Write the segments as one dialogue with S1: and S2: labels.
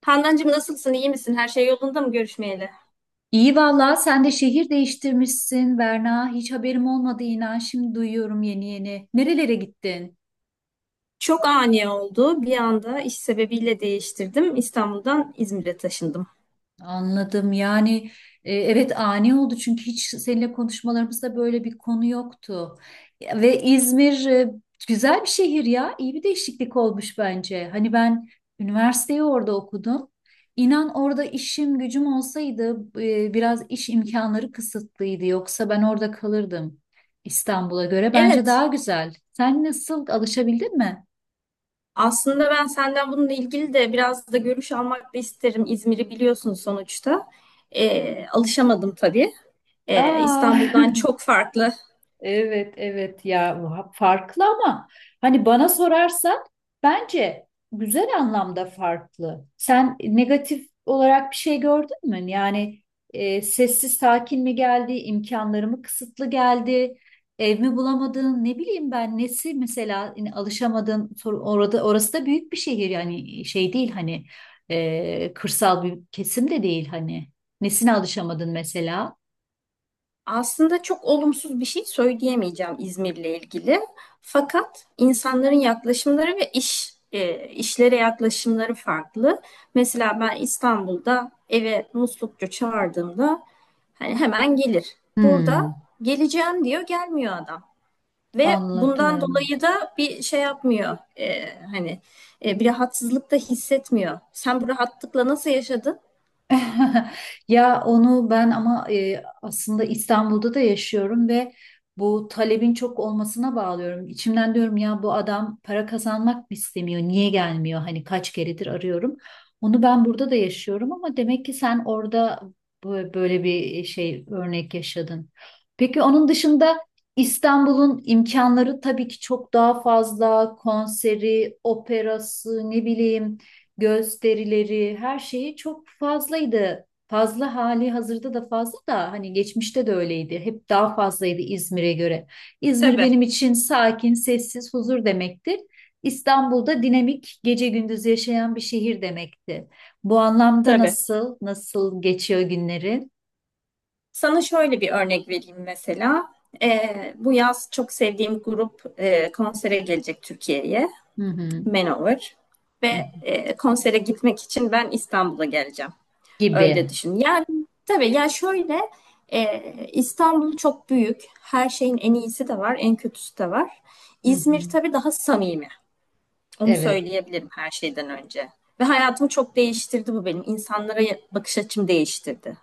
S1: Handancığım nasılsın, İyi misin? Her şey yolunda mı görüşmeyeli?
S2: İyi vallahi sen de şehir değiştirmişsin Berna. Hiç haberim olmadı inan. Şimdi duyuyorum yeni yeni. Nerelere gittin?
S1: Çok ani oldu. Bir anda iş sebebiyle değiştirdim. İstanbul'dan İzmir'e taşındım.
S2: Anladım. Yani evet ani oldu çünkü hiç seninle konuşmalarımızda böyle bir konu yoktu. Ve İzmir güzel bir şehir ya. İyi bir değişiklik olmuş bence. Hani ben üniversiteyi orada okudum. İnan orada işim gücüm olsaydı biraz iş imkanları kısıtlıydı. Yoksa ben orada kalırdım. İstanbul'a göre bence daha
S1: Evet,
S2: güzel. Sen nasıl alışabildin mi?
S1: aslında ben senden bununla ilgili de biraz da görüş almak da isterim. İzmir'i biliyorsun sonuçta. Alışamadım tabii.
S2: Aa.
S1: İstanbul'dan çok farklı.
S2: Evet evet ya bu farklı ama hani bana sorarsan bence güzel anlamda farklı. Sen negatif olarak bir şey gördün mü? Yani sessiz sakin mi geldi, imkanları mı kısıtlı geldi, ev mi bulamadın, ne bileyim ben nesi mesela yine alışamadın orada orası da büyük bir şehir yani şey değil hani kırsal bir kesim de değil hani nesine alışamadın mesela?
S1: Aslında çok olumsuz bir şey söyleyemeyeceğim İzmir'le ilgili. Fakat insanların yaklaşımları ve işlere yaklaşımları farklı. Mesela ben İstanbul'da eve muslukçu çağırdığımda hani hemen gelir. Burada
S2: Hmm,
S1: geleceğim diyor, gelmiyor adam. Ve bundan
S2: anladım.
S1: dolayı da bir şey yapmıyor. Hani bir rahatsızlık da hissetmiyor. Sen bu rahatlıkla nasıl yaşadın?
S2: Ya onu ben ama aslında İstanbul'da da yaşıyorum ve bu talebin çok olmasına bağlıyorum. İçimden diyorum ya bu adam para kazanmak mı istemiyor? Niye gelmiyor? Hani kaç keredir arıyorum. Onu ben burada da yaşıyorum ama demek ki sen orada böyle bir şey örnek yaşadın. Peki onun dışında İstanbul'un imkanları tabii ki çok daha fazla konseri, operası, ne bileyim gösterileri, her şeyi çok fazlaydı. Fazla hali hazırda da fazla da hani geçmişte de öyleydi. Hep daha fazlaydı İzmir'e göre. İzmir
S1: Tabii,
S2: benim için sakin, sessiz, huzur demektir. İstanbul'da dinamik, gece gündüz yaşayan bir şehir demekti. Bu anlamda
S1: tabii.
S2: nasıl geçiyor günlerin?
S1: Sana şöyle bir örnek vereyim mesela. Bu yaz çok sevdiğim grup konsere gelecek Türkiye'ye,
S2: Hı hı,
S1: Manowar.
S2: hı hı.
S1: Ve konsere gitmek için ben İstanbul'a geleceğim. Öyle
S2: Gibi.
S1: düşün. Yani tabii ya şöyle, e, İstanbul çok büyük. Her şeyin en iyisi de var, en kötüsü de var.
S2: Hı
S1: İzmir
S2: hı.
S1: tabii daha samimi. Onu
S2: Evet.
S1: söyleyebilirim her şeyden önce. Ve hayatımı çok değiştirdi bu benim. İnsanlara bakış açım değiştirdi.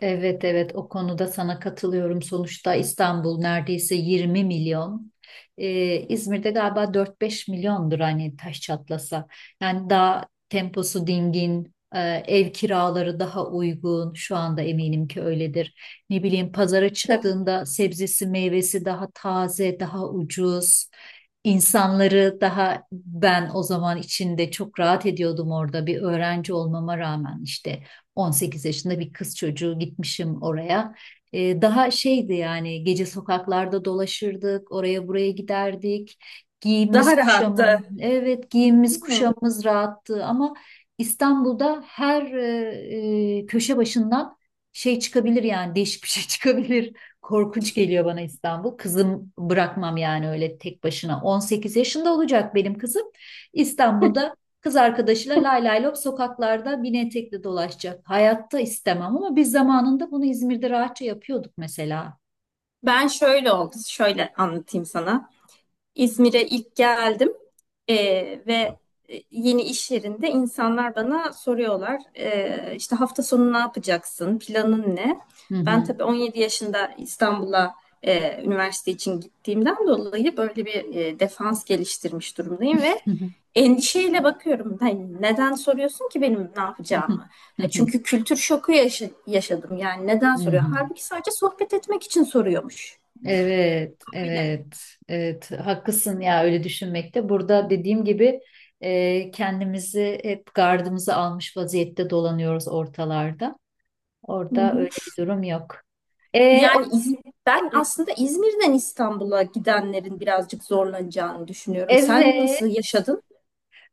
S2: Evet evet o konuda sana katılıyorum. Sonuçta İstanbul neredeyse 20 milyon. İzmir'de galiba 4-5 milyondur hani taş çatlasa. Yani daha temposu dingin, ev kiraları daha uygun. Şu anda eminim ki öyledir. Ne bileyim pazara
S1: Tabii.
S2: çıktığında sebzesi meyvesi daha taze, daha ucuz. İnsanları daha ben o zaman içinde çok rahat ediyordum orada bir öğrenci olmama rağmen işte 18 yaşında bir kız çocuğu gitmişim oraya. Daha şeydi yani gece sokaklarda dolaşırdık, oraya buraya giderdik. Giyimimiz
S1: Daha
S2: kuşamım,
S1: rahattı.
S2: evet giyimimiz kuşamımız rahattı ama İstanbul'da her köşe başından şey çıkabilir yani değişik bir şey çıkabilir. Korkunç geliyor bana İstanbul. Kızım bırakmam yani öyle tek başına. 18 yaşında olacak benim kızım. İstanbul'da kız arkadaşıyla lay lay lop sokaklarda mini etekli dolaşacak. Hayatta istemem ama biz zamanında bunu İzmir'de rahatça yapıyorduk mesela.
S1: Ben şöyle oldu, şöyle anlatayım sana. İzmir'e ilk geldim ve yeni iş yerinde insanlar bana soruyorlar, işte hafta sonu ne yapacaksın, planın ne?
S2: Hı
S1: Ben
S2: hı.
S1: tabii 17 yaşında İstanbul'a üniversite için gittiğimden dolayı böyle bir defans geliştirmiş durumdayım ve endişeyle bakıyorum. Hani neden soruyorsun ki benim ne yapacağımı? Ha, çünkü kültür şoku yaşadım yani, neden
S2: Hı
S1: soruyor?
S2: hı.
S1: Halbuki sadece sohbet etmek için soruyormuş.
S2: Evet,
S1: Aynen.
S2: evet, evet. Haklısın ya öyle düşünmekte. Burada dediğim gibi kendimizi hep gardımızı almış vaziyette dolanıyoruz ortalarda.
S1: Hı
S2: Orada
S1: hı.
S2: öyle bir durum yok. E, o-
S1: Yani İz- Ben aslında İzmir'den İstanbul'a gidenlerin birazcık zorlanacağını düşünüyorum. Sen
S2: evet.
S1: nasıl yaşadın?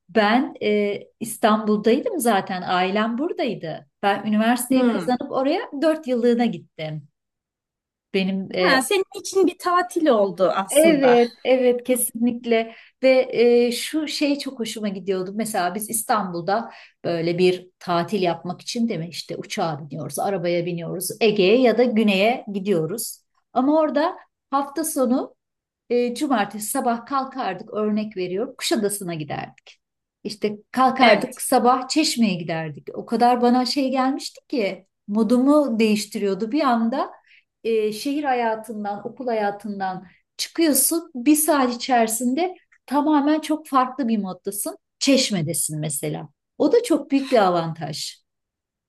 S2: Ben İstanbul'daydım zaten, ailem buradaydı. Ben üniversiteyi
S1: Hmm.
S2: kazanıp oraya 4 yıllığına gittim. Benim
S1: Ha, senin için bir tatil oldu aslında.
S2: evet, evet kesinlikle ve şu şey çok hoşuma gidiyordu. Mesela biz İstanbul'da böyle bir tatil yapmak için değil mi? İşte uçağa biniyoruz, arabaya biniyoruz, Ege'ye ya da güneye gidiyoruz. Ama orada hafta sonu cumartesi sabah kalkardık örnek veriyorum Kuşadası'na giderdik. İşte
S1: Evet.
S2: kalkardık sabah Çeşme'ye giderdik. O kadar bana şey gelmişti ki modumu değiştiriyordu bir anda. Şehir hayatından, okul hayatından çıkıyorsun. Bir saat içerisinde tamamen çok farklı bir moddasın. Çeşme'desin mesela. O da çok büyük bir avantaj.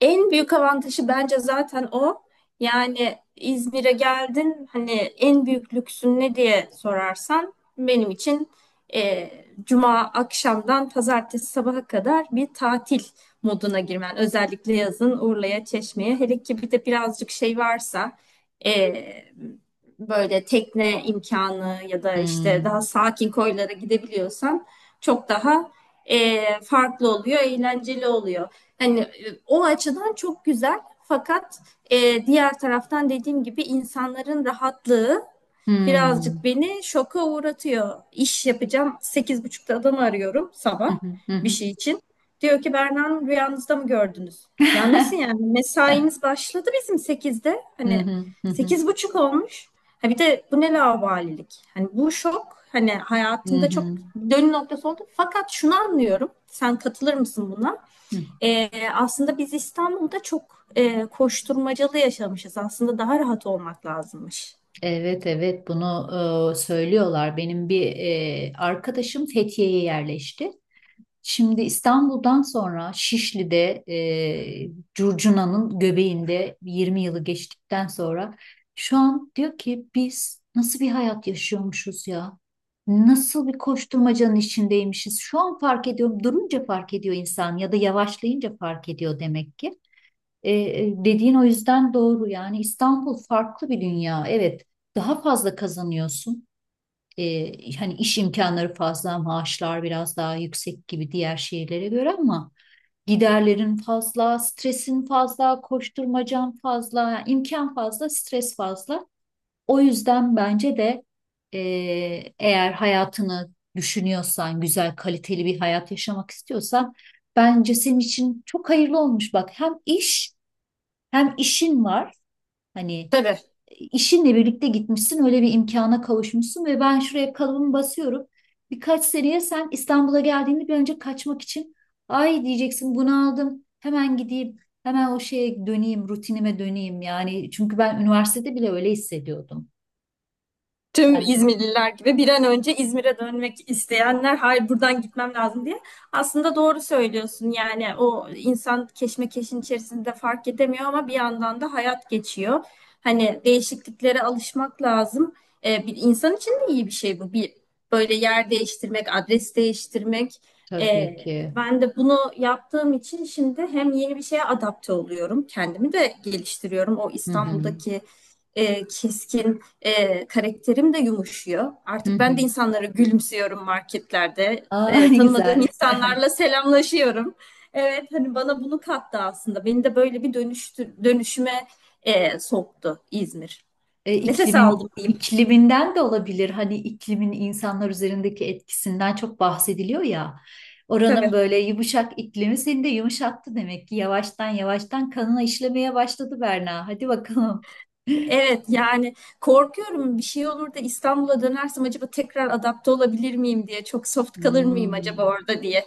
S1: En büyük avantajı bence zaten o. Yani İzmir'e geldin hani, en büyük lüksün ne diye sorarsan benim için e, cuma akşamdan pazartesi sabaha kadar bir tatil moduna girmen. Özellikle yazın Urla'ya, Çeşme'ye, hele ki bir de birazcık şey varsa, e, böyle tekne imkanı ya da işte daha
S2: Hmm.
S1: sakin koylara gidebiliyorsan çok daha farklı oluyor, eğlenceli oluyor. Hani o açıdan çok güzel. Fakat diğer taraftan dediğim gibi insanların rahatlığı birazcık
S2: Hmm.
S1: beni şoka uğratıyor. İş yapacağım. Sekiz buçuk'ta adamı arıyorum
S2: Hı
S1: sabah
S2: hı hı.
S1: bir
S2: Hı.
S1: şey için. Diyor ki Berna Hanım, rüyanızda mı gördünüz? Ya nasıl yani? Mesaimiz başladı bizim sekizde.
S2: Hı
S1: Hani
S2: hı hı hı.
S1: sekiz buçuk olmuş. Ha bir de bu ne laubalilik? Hani bu şok hani
S2: Hı
S1: hayatımda çok
S2: hı.
S1: dönüm noktası oldu. Fakat şunu anlıyorum. Sen katılır mısın buna? Aslında biz İstanbul'da çok koşturmacalı yaşamışız. Aslında daha rahat olmak lazımmış.
S2: Evet evet bunu söylüyorlar. Benim bir arkadaşım Fethiye'ye yerleşti. Şimdi İstanbul'dan sonra Şişli'de Curcuna'nın göbeğinde 20 yılı geçtikten sonra şu an diyor ki biz nasıl bir hayat yaşıyormuşuz ya? Nasıl bir koşturmacanın içindeymişiz? Şu an fark ediyorum. Durunca fark ediyor insan ya da yavaşlayınca fark ediyor demek ki. Dediğin o yüzden doğru yani İstanbul farklı bir dünya, evet, daha fazla kazanıyorsun. Hani iş imkanları fazla, maaşlar biraz daha yüksek gibi diğer şehirlere göre ama giderlerin fazla, stresin fazla, koşturmacan fazla, yani imkan fazla, stres fazla. O yüzden bence de e, eğer hayatını düşünüyorsan, güzel kaliteli bir hayat yaşamak istiyorsan bence senin için çok hayırlı olmuş, bak hem iş hem işin var, hani
S1: Tabii.
S2: işinle birlikte gitmişsin, öyle bir imkana kavuşmuşsun ve ben şuraya kalıbımı basıyorum. Birkaç seneye sen İstanbul'a geldiğinde bir önce kaçmak için ay diyeceksin bunaldım hemen gideyim, hemen o şeye döneyim, rutinime döneyim, yani çünkü ben üniversitede bile öyle hissediyordum.
S1: Tüm
S2: Sen de
S1: İzmirliler gibi bir an önce İzmir'e dönmek isteyenler, hayır buradan gitmem lazım diye. Aslında doğru söylüyorsun, yani o insan keşmekeşin içerisinde fark edemiyor ama bir yandan da hayat geçiyor. Hani değişikliklere alışmak lazım. Bir insan için de iyi bir şey bu. Bir böyle yer değiştirmek, adres değiştirmek.
S2: tabii ki.
S1: Ben de bunu yaptığım için şimdi hem yeni bir şeye adapte oluyorum, kendimi de geliştiriyorum. O
S2: Hı hı.
S1: İstanbul'daki keskin karakterim de yumuşuyor.
S2: Hı
S1: Artık ben
S2: hı.
S1: de insanlara gülümsüyorum marketlerde.
S2: Aa, ne
S1: Tanımadığım
S2: güzel.
S1: insanlarla selamlaşıyorum. Evet, hani bana bunu kattı aslında. Beni de böyle bir dönüştü, dönüşüme soktu İzmir.
S2: E,
S1: Nefes aldım
S2: iklimin
S1: diyeyim.
S2: ikliminden de olabilir. Hani iklimin insanlar üzerindeki etkisinden çok bahsediliyor ya. Oranın
S1: Tabii.
S2: böyle yumuşak iklimi seni de yumuşattı demek ki. Yavaştan yavaştan kanına işlemeye başladı Berna. Hadi bakalım.
S1: Evet, yani korkuyorum bir şey olur da İstanbul'a dönersem acaba tekrar adapte olabilir miyim diye. Çok soft kalır mıyım acaba
S2: Hmm,
S1: orada diye.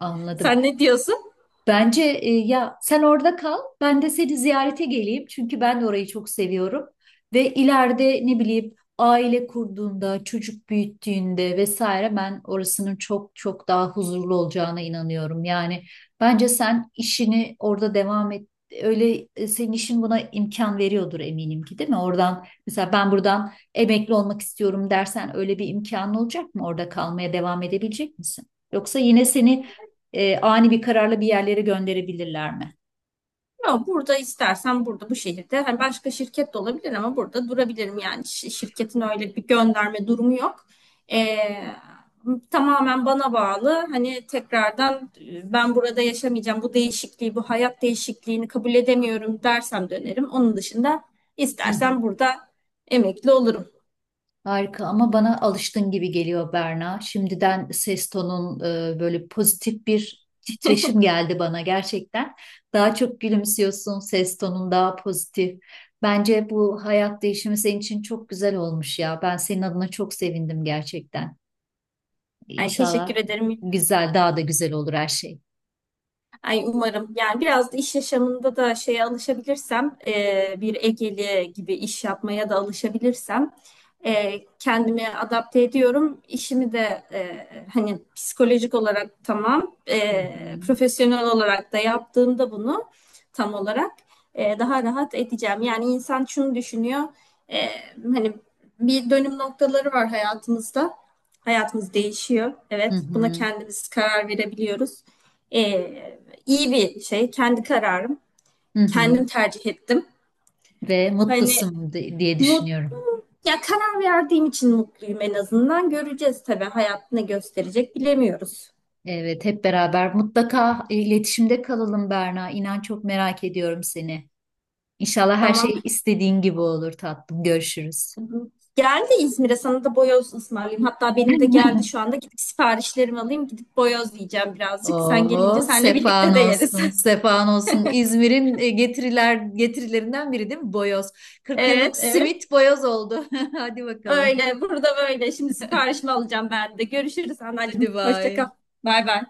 S2: anladım.
S1: Sen ne diyorsun?
S2: Bence ya sen orada kal, ben de seni ziyarete geleyim. Çünkü ben de orayı çok seviyorum. Ve ileride ne bileyim aile kurduğunda, çocuk büyüttüğünde vesaire ben orasının çok çok daha huzurlu olacağına inanıyorum. Yani bence sen işini orada devam et. Öyle senin işin buna imkan veriyordur eminim ki değil mi? Oradan mesela ben buradan emekli olmak istiyorum dersen öyle bir imkanın olacak mı? Orada kalmaya devam edebilecek misin? Yoksa yine seni ani bir kararla bir yerlere gönderebilirler mi?
S1: Yok, burada istersen burada bu şehirde hani başka şirket de olabilir ama burada durabilirim yani. Şirketin öyle bir gönderme durumu yok. Ee, Tamamen bana bağlı, hani tekrardan ben burada yaşamayacağım, bu değişikliği bu hayat değişikliğini kabul edemiyorum dersem dönerim. Onun dışında
S2: Hı hı.
S1: istersen burada emekli olurum.
S2: Harika ama bana alıştın gibi geliyor Berna. Şimdiden ses tonun böyle pozitif bir titreşim geldi bana gerçekten. Daha çok gülümsüyorsun, ses tonun daha pozitif. Bence bu hayat değişimi senin için çok güzel olmuş ya. Ben senin adına çok sevindim gerçekten.
S1: Yani teşekkür
S2: İnşallah
S1: ederim.
S2: güzel, daha da güzel olur her şey.
S1: Ay umarım. Yani biraz da iş yaşamında da şeye alışabilirsem, bir Egeli gibi iş yapmaya da alışabilirsem, e, kendimi adapte ediyorum. İşimi de hani psikolojik olarak tamam,
S2: Hı hı,
S1: profesyonel olarak da yaptığımda bunu tam olarak daha rahat edeceğim. Yani insan şunu düşünüyor, e, hani bir dönüm noktaları var hayatımızda. Hayatımız değişiyor.
S2: hı
S1: Evet, buna
S2: hı,
S1: kendimiz karar verebiliyoruz. E, İyi bir şey. Kendi kararım.
S2: hı hı.
S1: Kendim tercih ettim.
S2: Ve
S1: Hani
S2: mutlusun, diye düşünüyorum.
S1: mutlu ya, karar verdiğim için mutluyum en azından. Göreceğiz tabii, hayat ne gösterecek bilemiyoruz.
S2: Evet, hep beraber mutlaka iletişimde kalalım Berna. İnan çok merak ediyorum seni. İnşallah her
S1: Tamam.
S2: şey istediğin gibi olur tatlım. Görüşürüz.
S1: Geldi İzmir'e, sana da boyoz ısmarlayayım. Hatta benim de geldi şu anda. Gidip siparişlerimi alayım. Gidip boyoz yiyeceğim birazcık. Sen gelince
S2: Oo,
S1: seninle
S2: sefan
S1: birlikte de yeriz.
S2: olsun, sefan olsun. İzmir'in getirilerinden biri değil mi? Boyoz. Kırk
S1: Evet,
S2: yıllık
S1: evet.
S2: simit boyoz oldu. Hadi bakalım.
S1: Öyle. Burada böyle. Şimdi siparişimi alacağım ben de. Görüşürüz anneciğim.
S2: Hadi
S1: Hoşça kal.
S2: bay.
S1: Bay bay.